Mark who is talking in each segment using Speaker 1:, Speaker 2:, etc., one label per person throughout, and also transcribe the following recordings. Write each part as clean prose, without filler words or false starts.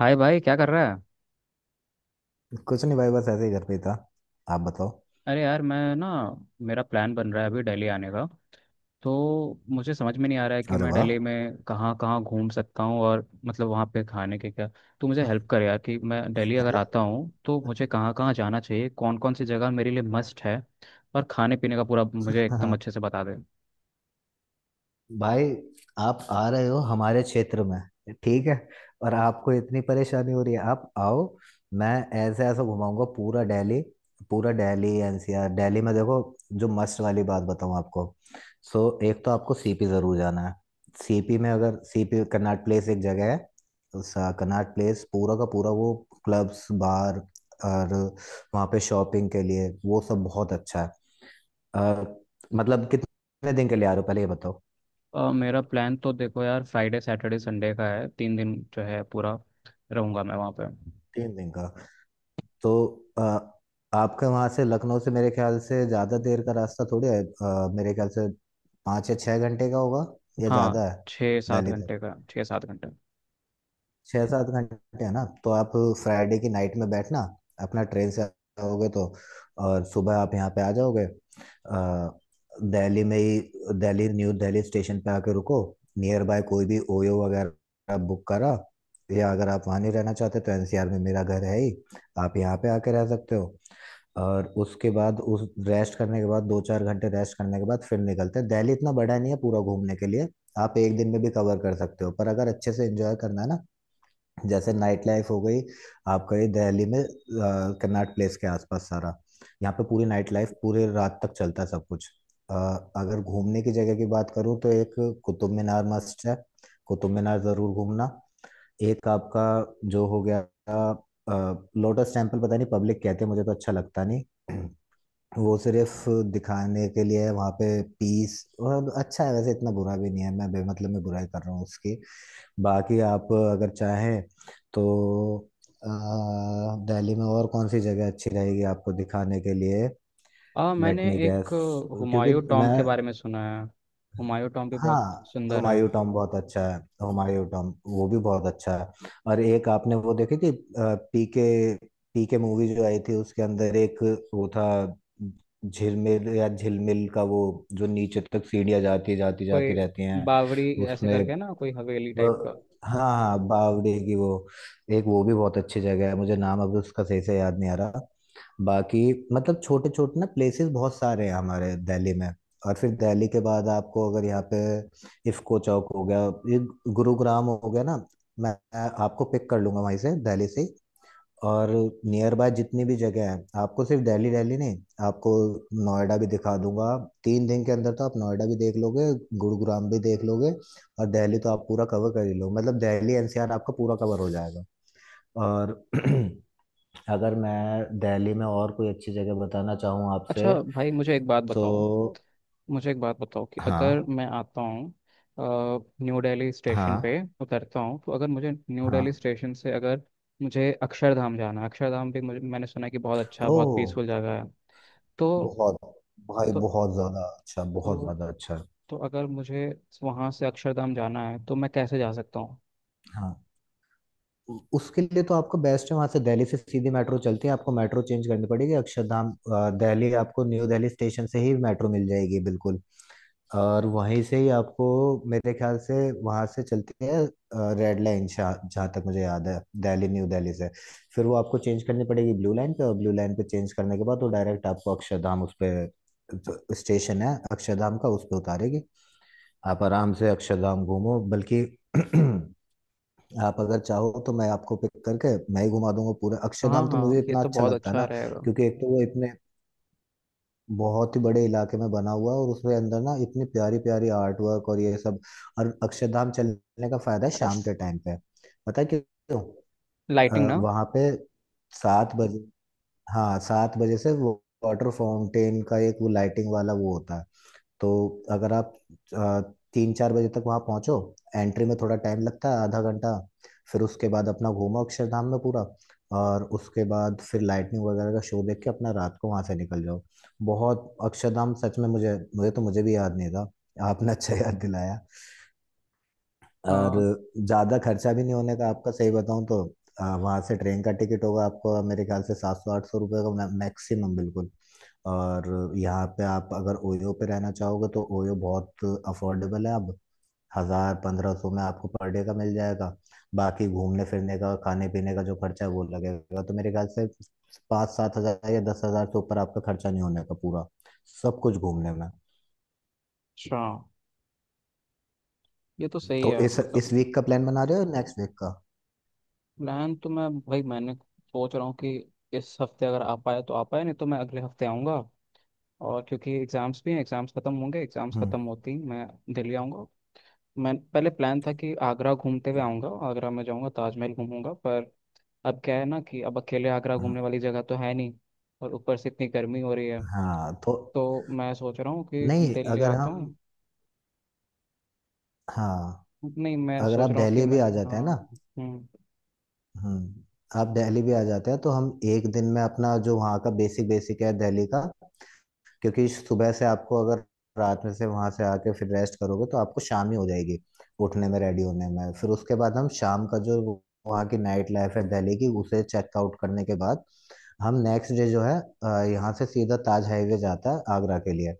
Speaker 1: हाय भाई, क्या कर रहा है?
Speaker 2: कुछ नहीं भाई, बस ऐसे ही घर पे ही था। आप बताओ।
Speaker 1: अरे यार, मैं ना, मेरा प्लान बन रहा है अभी दिल्ली आने का। तो मुझे समझ में नहीं आ रहा है कि
Speaker 2: अरे
Speaker 1: मैं
Speaker 2: वाह।
Speaker 1: दिल्ली में कहाँ कहाँ घूम सकता हूँ, और मतलब वहाँ पे खाने के क्या। तो मुझे हेल्प कर यार कि मैं दिल्ली अगर
Speaker 2: अरे
Speaker 1: आता हूँ तो मुझे कहाँ कहाँ जाना चाहिए, कौन कौन सी जगह मेरे लिए मस्ट है। और खाने पीने का पूरा मुझे एकदम
Speaker 2: हाँ,
Speaker 1: अच्छे से बता दे।
Speaker 2: भाई, आप आ रहे हो हमारे क्षेत्र में। ठीक है। और आपको इतनी परेशानी हो रही है, आप आओ। मैं ऐसे ऐसे घुमाऊंगा पूरा दिल्ली। पूरा दिल्ली एनसीआर, दिल्ली में देखो जो मस्त वाली बात बताऊं आपको। सो एक तो आपको सीपी जरूर जाना है। सीपी में अगर सीपी, कनॉट प्लेस, एक जगह है। उस कनॉट प्लेस पूरा का पूरा वो क्लब्स बार, और वहाँ पे शॉपिंग के लिए वो सब बहुत अच्छा है। अ, मतलब कितने दिन के लिए आ रहे हो, पहले ये बताओ।
Speaker 1: मेरा प्लान तो देखो यार, फ्राइडे सैटरडे संडे का है। तीन दिन जो है पूरा रहूँगा मैं वहाँ पे।
Speaker 2: तीन दिन का। तो आ, आपके वहां से, लखनऊ से, मेरे ख्याल से ज्यादा देर का रास्ता थोड़ी है, मेरे ख्याल से पाँच या छः घंटे का होगा, या
Speaker 1: हाँ,
Speaker 2: ज्यादा है।
Speaker 1: छः सात
Speaker 2: दिल्ली तक
Speaker 1: घंटे का, छः सात घंटे।
Speaker 2: छः सात घंटे है ना, तो आप फ्राइडे की नाइट में बैठना अपना, ट्रेन से आओगे तो और सुबह आप यहाँ पे आ जाओगे। दिल्ली में ही, दिल्ली न्यू दिल्ली स्टेशन पे आके रुको। नियर बाय कोई भी ओयो वगैरह बुक करा, या अगर आप वहाँ नहीं रहना चाहते तो एनसीआर में मेरा घर है ही, आप यहाँ पे आके रह सकते हो। और उसके बाद उस रेस्ट करने के बाद, दो चार घंटे रेस्ट करने के बाद फिर निकलते हैं। दिल्ली इतना बड़ा नहीं है पूरा घूमने के लिए। आप एक दिन में भी कवर कर सकते हो, पर अगर अच्छे से एंजॉय करना है ना। जैसे नाइट लाइफ हो गई आपका, ये दिल्ली में कन्नाट प्लेस के आसपास सारा, यहाँ पे पूरी नाइट लाइफ पूरे रात तक चलता है सब कुछ। अ, अगर घूमने की जगह की बात करूँ तो एक कुतुब मीनार मस्ट है। कुतुब मीनार जरूर घूमना। एक आपका जो हो गया, लोटस टेम्पल, पता नहीं पब्लिक कहते हैं, मुझे तो अच्छा लगता नहीं। वो सिर्फ दिखाने के लिए है, वहाँ पे पीस। और अच्छा है वैसे, इतना बुरा भी नहीं है, मैं बेमतलब में बुराई कर रहा हूँ उसकी। बाकी आप अगर चाहें तो अ, दिल्ली में और कौन सी जगह अच्छी रहेगी आपको दिखाने के लिए।
Speaker 1: मैंने
Speaker 2: लेट मी
Speaker 1: एक
Speaker 2: गैस, क्योंकि
Speaker 1: हुमायूं टॉम
Speaker 2: मैं।
Speaker 1: के बारे में सुना है। हुमायूं टॉम भी बहुत
Speaker 2: हाँ, तो
Speaker 1: सुंदर है।
Speaker 2: हुमायूं टॉम बहुत अच्छा है, तो हुमायूं टॉम वो भी बहुत अच्छा है। और एक आपने वो देखी थी, पीके, पीके मूवी जो आई थी, उसके अंदर एक वो था, झिलमिल या झिलमिल का, वो जो नीचे तक सीढ़ियाँ जाती जाती जाती
Speaker 1: कोई
Speaker 2: रहती हैं
Speaker 1: बावड़ी, ऐसे
Speaker 2: उसमें।
Speaker 1: करके ना, कोई हवेली टाइप का।
Speaker 2: हाँ हाँ, बावड़ी की वो, एक वो भी बहुत अच्छी जगह है, मुझे नाम अभी उसका सही से याद नहीं आ रहा। बाकी मतलब छोटे छोटे ना प्लेसेस बहुत सारे हैं हमारे दिल्ली में। और फिर दिल्ली के बाद आपको, अगर यहाँ पे इफको चौक हो गया, ये गुरुग्राम हो गया ना, मैं आपको पिक कर लूंगा वहीं से, दिल्ली से। और नियर बाय जितनी भी जगह है, आपको सिर्फ दिल्ली दिल्ली नहीं, आपको नोएडा भी दिखा दूंगा। तीन दिन के अंदर तो आप नोएडा भी देख लोगे, गुरुग्राम भी देख लोगे, और दिल्ली तो आप पूरा कवर कर ही लो। मतलब दिल्ली एनसीआर आपका पूरा कवर हो जाएगा। और अगर मैं दिल्ली में और कोई अच्छी जगह बताना चाहूँ
Speaker 1: अच्छा
Speaker 2: आपसे
Speaker 1: भाई, मुझे एक बात बताओ।
Speaker 2: तो।
Speaker 1: मुझे एक बात बताओ कि अगर
Speaker 2: हाँ
Speaker 1: मैं आता हूँ, न्यू दिल्ली स्टेशन
Speaker 2: हाँ
Speaker 1: पे उतरता हूँ, तो अगर मुझे न्यू दिल्ली
Speaker 2: हाँ।
Speaker 1: स्टेशन से अगर मुझे अक्षरधाम जाना है। अक्षरधाम भी मुझे, मैंने सुना है कि बहुत अच्छा,
Speaker 2: ओ,
Speaker 1: बहुत पीसफुल जगह है। तो
Speaker 2: बहुत, भाई,
Speaker 1: तो
Speaker 2: बहुत ज्यादा अच्छा, बहुत
Speaker 1: तो
Speaker 2: ज्यादा अच्छा।
Speaker 1: तो अगर मुझे वहाँ से अक्षरधाम जाना है तो मैं कैसे जा सकता हूँ?
Speaker 2: हाँ, उसके लिए तो आपका बेस्ट है, वहां से दिल्ली से सीधी मेट्रो चलती है, आपको मेट्रो चेंज करनी पड़ेगी, अक्षरधाम दिल्ली, आपको न्यू दिल्ली स्टेशन से ही मेट्रो मिल जाएगी बिल्कुल। और वहीं से ही आपको, मेरे ख्याल से वहां से चलती है रेड लाइन, जहाँ तक मुझे याद है, दिल्ली न्यू दिल्ली से। फिर वो आपको चेंज करनी पड़ेगी ब्लू लाइन पे, और ब्लू लाइन पे चेंज करने के बाद वो डायरेक्ट आपको अक्षरधाम, उस पे, जो स्टेशन है अक्षरधाम का, उस पे उतारेगी। आप आराम से अक्षरधाम घूमो, बल्कि आप अगर चाहो तो मैं आपको पिक करके मैं ही घुमा दूंगा पूरा
Speaker 1: हाँ
Speaker 2: अक्षरधाम, तो मुझे
Speaker 1: हाँ, ये
Speaker 2: इतना
Speaker 1: तो
Speaker 2: अच्छा
Speaker 1: बहुत
Speaker 2: लगता है
Speaker 1: अच्छा
Speaker 2: ना।
Speaker 1: रहेगा।
Speaker 2: क्योंकि एक तो वो इतने बहुत ही बड़े इलाके में बना हुआ है, और उसके अंदर ना इतनी प्यारी प्यारी आर्ट वर्क और ये सब। और अक्षरधाम चलने का फायदा है
Speaker 1: बस
Speaker 2: शाम के टाइम पे, पता है क्यों।
Speaker 1: लाइटिंग
Speaker 2: अ,
Speaker 1: ना।
Speaker 2: वहाँ पे 7 बजे, हाँ 7 बजे से वो वाटर फाउंटेन का एक वो लाइटिंग वाला वो होता है। तो अगर आप आ, तीन चार बजे तक वहाँ पहुँचो। एंट्री में थोड़ा टाइम लगता है, आधा घंटा। फिर उसके बाद अपना घूमो अक्षरधाम में पूरा, और उसके बाद फिर लाइटनिंग वगैरह का शो देख के अपना रात को वहाँ से निकल जाओ। बहुत अक्षरधाम सच में, मुझे मुझे तो मुझे भी याद नहीं था, आपने अच्छा याद दिलाया। और
Speaker 1: हाँ।
Speaker 2: ज़्यादा खर्चा भी नहीं होने का आपका, सही बताऊँ तो वहाँ से ट्रेन का टिकट होगा आपको, मेरे ख्याल से 700 800 रुपये का मैक्सिमम, बिल्कुल। और यहाँ पे आप अगर ओयो पे रहना चाहोगे तो ओयो बहुत अफोर्डेबल है अब। 1000 1500 में आपको पर डे का मिल जाएगा। बाकी घूमने फिरने का, खाने पीने का जो खर्चा है वो लगेगा, तो मेरे ख्याल से पाँच सात हज़ार या 10 हज़ार से ऊपर आपका खर्चा नहीं होने का पूरा, सब कुछ घूमने में।
Speaker 1: अच्छा, ये तो सही
Speaker 2: तो
Speaker 1: है
Speaker 2: इस
Speaker 1: मतलब।
Speaker 2: इस वीक का प्लान बना रहे हो, नेक्स्ट वीक का?
Speaker 1: प्लान तो मैं भाई, मैंने सोच रहा हूँ कि इस हफ्ते अगर आ पाए तो आ पाए, नहीं तो मैं अगले हफ्ते आऊँगा। और क्योंकि एग्ज़ाम्स भी हैं, एग्ज़ाम्स ख़त्म होंगे, एग्ज़ाम्स ख़त्म होती ही मैं दिल्ली आऊँगा। मैं, पहले प्लान था कि आगरा घूमते हुए आऊँगा, आगरा में जाऊँगा, ताजमहल घूमूंगा। पर अब क्या है ना, कि अब अकेले आगरा
Speaker 2: हम्म।
Speaker 1: घूमने वाली जगह तो है नहीं। और ऊपर से इतनी गर्मी हो रही है।
Speaker 2: हाँ तो।
Speaker 1: तो मैं सोच रहा हूँ कि
Speaker 2: नहीं
Speaker 1: दिल्ली
Speaker 2: अगर
Speaker 1: आता
Speaker 2: हम,
Speaker 1: हूँ।
Speaker 2: हाँ,
Speaker 1: नहीं, मैं
Speaker 2: अगर आप
Speaker 1: सोच रहा हूँ कि
Speaker 2: दिल्ली भी
Speaker 1: मैं।
Speaker 2: आ जाते
Speaker 1: हाँ।
Speaker 2: हैं ना।
Speaker 1: हम्म।
Speaker 2: आप दिल्ली भी आ जाते हैं तो हम एक दिन में अपना जो वहाँ का बेसिक बेसिक है दिल्ली का, क्योंकि सुबह से आपको अगर रात में से वहाँ से आके फिर रेस्ट करोगे तो आपको शाम ही हो जाएगी उठने में, रेडी होने में। फिर उसके बाद हम शाम का जो वहाँ की नाइट लाइफ है दिल्ली की, उसे चेकआउट करने के बाद, हम नेक्स्ट डे जो है यहाँ से सीधा ताज हाईवे जाता है आगरा के लिए,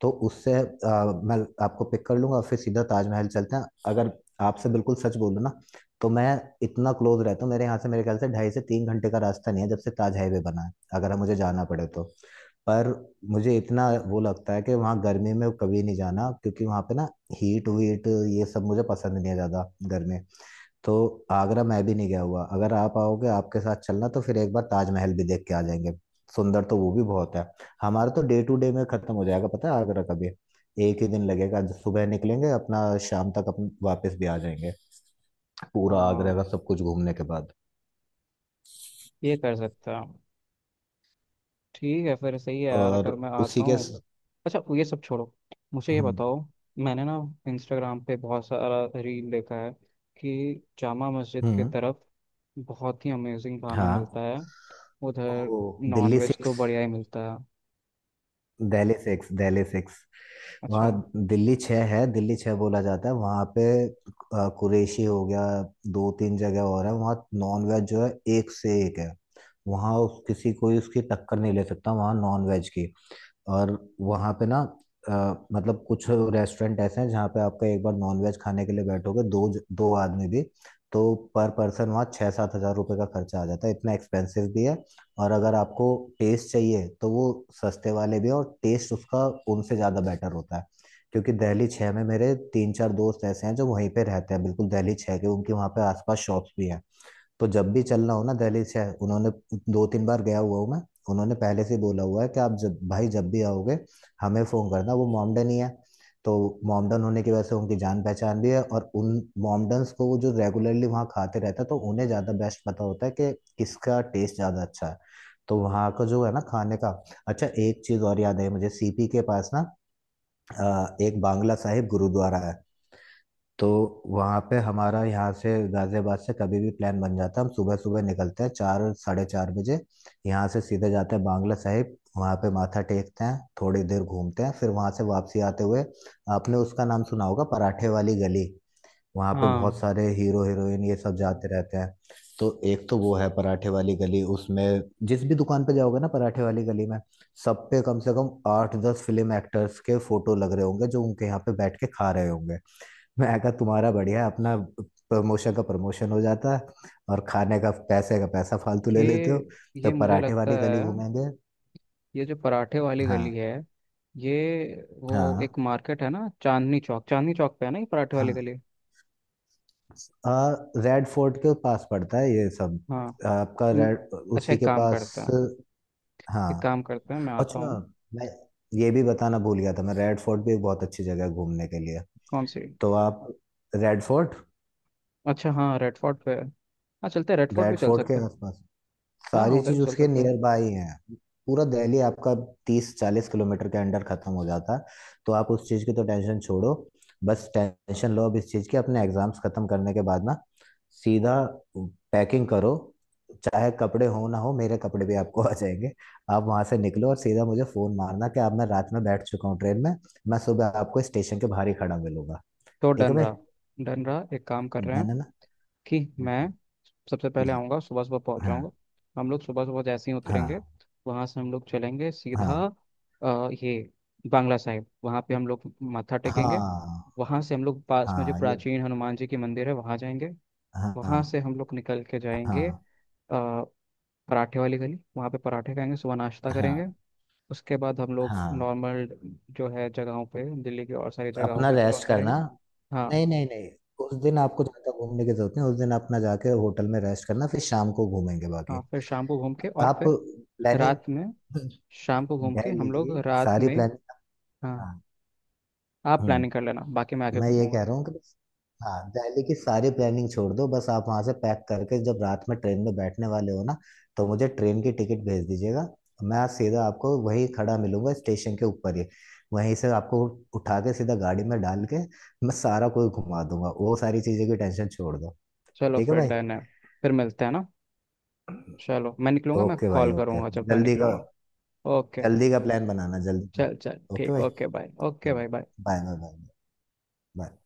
Speaker 2: तो उससे मैं आपको पिक कर लूंगा और फिर सीधा ताजमहल चलते हैं। अगर आपसे बिल्कुल सच बोलूं ना तो मैं इतना क्लोज रहता हूँ, मेरे यहाँ से मेरे ख्याल से 2.5 से 3 घंटे का रास्ता नहीं है, जब से ताज हाईवे बना है, अगर हम, मुझे जाना पड़े तो। पर मुझे इतना वो लगता है कि वहाँ गर्मी में कभी नहीं जाना, क्योंकि वहाँ पे ना हीट वीट ये सब मुझे पसंद नहीं है, ज़्यादा गर्मी। तो आगरा मैं भी नहीं गया हुआ, अगर आप आओगे, आपके साथ चलना, तो फिर एक बार ताजमहल भी देख के आ जाएंगे। सुंदर तो वो भी बहुत है। हमारा तो डे टू डे में खत्म हो जाएगा पता है, आगरा का भी एक ही दिन लगेगा, जो सुबह निकलेंगे अपना, शाम तक अपन वापस भी आ जाएंगे, पूरा
Speaker 1: हाँ,
Speaker 2: आगरा का सब कुछ घूमने के बाद।
Speaker 1: ये कर सकता हूँ। ठीक है, फिर सही है यार,
Speaker 2: और
Speaker 1: अगर मैं
Speaker 2: उसी
Speaker 1: आता
Speaker 2: के।
Speaker 1: हूँ। अच्छा, ये सब छोड़ो। मुझे ये
Speaker 2: हम्म।
Speaker 1: बताओ, मैंने ना इंस्टाग्राम पे बहुत सारा रील देखा है कि जामा मस्जिद की
Speaker 2: हम्म।
Speaker 1: तरफ बहुत ही अमेजिंग खाना मिलता
Speaker 2: हाँ।
Speaker 1: है उधर।
Speaker 2: ओ, दिल्ली
Speaker 1: नॉनवेज तो
Speaker 2: सिक्स,
Speaker 1: बढ़िया ही मिलता है।
Speaker 2: Delhi six, Delhi six. वहाँ
Speaker 1: अच्छा।
Speaker 2: दिल्ली छः है, दिल्ली छः बोला जाता है वहाँ पे। कुरैशी हो गया, दो तीन जगह और है वहाँ। नॉन वेज जो है, एक से एक है, वहाँ किसी, कोई उसकी टक्कर नहीं ले सकता वहाँ नॉन वेज की। और वहाँ पे ना अ, मतलब कुछ रेस्टोरेंट ऐसे हैं जहाँ पे आपका एक बार नॉनवेज खाने के लिए बैठोगे, दो दो आदमी भी, तो पर पर्सन वहाँ 6-7 हजार रुपये का खर्चा आ जाता है, इतना एक्सपेंसिव भी है। और अगर आपको टेस्ट चाहिए तो वो सस्ते वाले भी हैं, और टेस्ट उसका उनसे ज़्यादा बेटर होता है। क्योंकि दिल्ली छः में मेरे तीन चार दोस्त ऐसे हैं जो वहीं पे रहते हैं बिल्कुल दिल्ली छः के, उनके वहाँ पे आसपास शॉप्स भी हैं। तो जब भी चलना हो ना दिल्ली से, उन्होंने, दो तीन बार गया हुआ हूँ मैं, उन्होंने पहले से बोला हुआ है कि आप जब भाई, जब भी आओगे हमें फ़ोन करना, वो मॉमडन ही है। तो मॉमडन होने की वजह से उनकी जान पहचान भी है, और उन मॉमडन्स को, वो जो रेगुलरली वहाँ खाते रहता है, तो उन्हें ज़्यादा बेस्ट पता होता है कि किसका टेस्ट ज़्यादा अच्छा है। तो वहाँ का जो है ना खाने का। अच्छा, एक चीज़ और याद आई मुझे, सीपी के पास ना एक बांग्ला साहिब गुरुद्वारा है। तो वहाँ पे हमारा, यहाँ से गाजियाबाद से कभी भी प्लान बन जाता है, हम सुबह सुबह निकलते हैं 4, 4:30 बजे, यहाँ से सीधे जाते हैं बांग्ला साहिब, वहाँ पे माथा टेकते हैं थोड़ी देर, घूमते हैं, फिर वहाँ से वापसी आते हुए, आपने उसका नाम सुना होगा, पराठे वाली गली, वहाँ पे बहुत
Speaker 1: हाँ,
Speaker 2: सारे हीरो हीरोइन ये सब जाते रहते हैं। तो एक तो वो है पराठे वाली गली, उसमें जिस भी दुकान पे जाओगे ना, पराठे वाली गली में, सब पे कम से कम आठ दस फिल्म एक्टर्स के फोटो लग रहे होंगे, जो उनके यहाँ पे बैठ के खा रहे होंगे। मैं कहा, तुम्हारा बढ़िया, अपना प्रमोशन का प्रमोशन हो जाता है, और खाने का, पैसे का पैसा फालतू ले लेते हो।
Speaker 1: ये
Speaker 2: तो
Speaker 1: ये मुझे
Speaker 2: पराठे
Speaker 1: लगता
Speaker 2: वाली गली
Speaker 1: है।
Speaker 2: घूमेंगे।
Speaker 1: ये जो पराठे वाली गली
Speaker 2: हाँ
Speaker 1: है, ये, वो
Speaker 2: हाँ
Speaker 1: एक मार्केट है ना, चांदनी चौक, चांदनी चौक पे है ना ये पराठे वाली
Speaker 2: हाँ।
Speaker 1: गली?
Speaker 2: आ, रेड फोर्ट के पास पड़ता है ये सब,
Speaker 1: हाँ।
Speaker 2: आपका
Speaker 1: हम्म।
Speaker 2: रेड,
Speaker 1: अच्छा,
Speaker 2: उसी
Speaker 1: एक
Speaker 2: के
Speaker 1: काम
Speaker 2: पास।
Speaker 1: करते हैं। एक
Speaker 2: हाँ।
Speaker 1: काम करते हैं, मैं आता
Speaker 2: अच्छा,
Speaker 1: हूँ।
Speaker 2: मैं ये भी बताना भूल गया था, मैं रेड फोर्ट भी एक बहुत अच्छी जगह है घूमने के लिए।
Speaker 1: कौन सी?
Speaker 2: तो आप रेड फोर्ट,
Speaker 1: अच्छा हाँ, रेड फोर्ट पे है। हाँ, चलते हैं, रेड फोर्ट भी
Speaker 2: रेड
Speaker 1: चल
Speaker 2: फोर्ट के
Speaker 1: सकते हैं।
Speaker 2: आसपास
Speaker 1: हाँ हाँ,
Speaker 2: सारी
Speaker 1: उधर भी
Speaker 2: चीज
Speaker 1: चल
Speaker 2: उसके
Speaker 1: सकते हैं।
Speaker 2: नियर बाय है। पूरा दिल्ली आपका 30-40 किलोमीटर के अंडर खत्म हो जाता। तो आप उस चीज की तो टेंशन छोड़ो, बस टेंशन लो अब इस चीज की, अपने एग्जाम्स खत्म करने के बाद ना सीधा पैकिंग करो। चाहे कपड़े हो ना हो, मेरे कपड़े भी आपको आ जाएंगे। आप वहां से निकलो और सीधा मुझे फोन मारना कि आप, मैं रात में बैठ चुका हूँ ट्रेन में, मैं सुबह आपको स्टेशन के बाहर ही खड़ा मिलूंगा।
Speaker 1: तो
Speaker 2: ठीक है
Speaker 1: डन
Speaker 2: भाई,
Speaker 1: रहा। डन रहा, एक काम कर रहे
Speaker 2: है
Speaker 1: हैं
Speaker 2: ना ना?
Speaker 1: कि मैं सबसे पहले
Speaker 2: जी,
Speaker 1: आऊँगा, सुबह सुबह पहुँच
Speaker 2: हाँ।
Speaker 1: जाऊँगा। हम लोग सुबह सुबह जैसे ही
Speaker 2: हाँ।
Speaker 1: उतरेंगे, वहाँ से हम लोग चलेंगे सीधा
Speaker 2: हाँ
Speaker 1: ये बांग्ला साहिब, वहाँ पे हम लोग माथा टेकेंगे।
Speaker 2: हाँ।
Speaker 1: वहाँ से हम लोग पास में जो
Speaker 2: हाँ, ये।
Speaker 1: प्राचीन हनुमान जी की मंदिर है वहाँ जाएंगे।
Speaker 2: हाँ
Speaker 1: वहाँ
Speaker 2: हाँ।
Speaker 1: से हम लोग निकल के जाएंगे अ,
Speaker 2: हाँ
Speaker 1: पराठे वाली गली, वहाँ पे पराठे खाएंगे, सुबह नाश्ता करेंगे।
Speaker 2: हाँ
Speaker 1: उसके बाद हम लोग
Speaker 2: हाँ।
Speaker 1: नॉर्मल जो है जगहों पे, दिल्ली की और सारी जगहों
Speaker 2: अपना
Speaker 1: को एक्सप्लोर
Speaker 2: रेस्ट करना।
Speaker 1: करेंगे। हाँ।
Speaker 2: नहीं नहीं नहीं, उस दिन आपको ज्यादा घूमने की जरूरत नहीं, उस दिन अपना जाके होटल में रेस्ट करना, फिर शाम को घूमेंगे
Speaker 1: हाँ,
Speaker 2: बाकी।
Speaker 1: फिर शाम को घूम के और
Speaker 2: आप
Speaker 1: फिर
Speaker 2: प्लानिंग,
Speaker 1: रात में। शाम को घूम के हम
Speaker 2: दिल्ली,
Speaker 1: लोग रात
Speaker 2: सारी
Speaker 1: में।
Speaker 2: प्लानिंग।
Speaker 1: हाँ, आप
Speaker 2: हाँ,
Speaker 1: प्लानिंग कर लेना, बाकी मैं आके
Speaker 2: मैं ये कह
Speaker 1: घूमूंगा।
Speaker 2: रहा हूँ कि बस, हाँ, दिल्ली की सारी प्लानिंग छोड़ दो, बस आप वहां से पैक करके जब रात में ट्रेन में बैठने वाले हो ना, तो मुझे ट्रेन की टिकट भेज दीजिएगा। मैं आज सीधा आपको वहीं खड़ा मिलूंगा स्टेशन के ऊपर ही, वहीं से आपको उठा के सीधा गाड़ी में डाल के मैं सारा कोई घुमा दूंगा, वो सारी चीजें की टेंशन छोड़ दो।
Speaker 1: चलो,
Speaker 2: ठीक है
Speaker 1: फिर
Speaker 2: भाई।
Speaker 1: डन है। फिर मिलते हैं ना। चलो, मैं निकलूंगा। मैं
Speaker 2: ओके भाई,
Speaker 1: कॉल
Speaker 2: ओके।
Speaker 1: करूंगा जब मैं
Speaker 2: जल्दी का,
Speaker 1: निकलूंगा। ओके।
Speaker 2: जल्दी का प्लान बनाना, जल्दी का।
Speaker 1: चल चल,
Speaker 2: ओके
Speaker 1: ठीक,
Speaker 2: भाई,
Speaker 1: ओके बाय, ओके बाय
Speaker 2: बनाओ।
Speaker 1: Bye.
Speaker 2: Bye bye bye bye.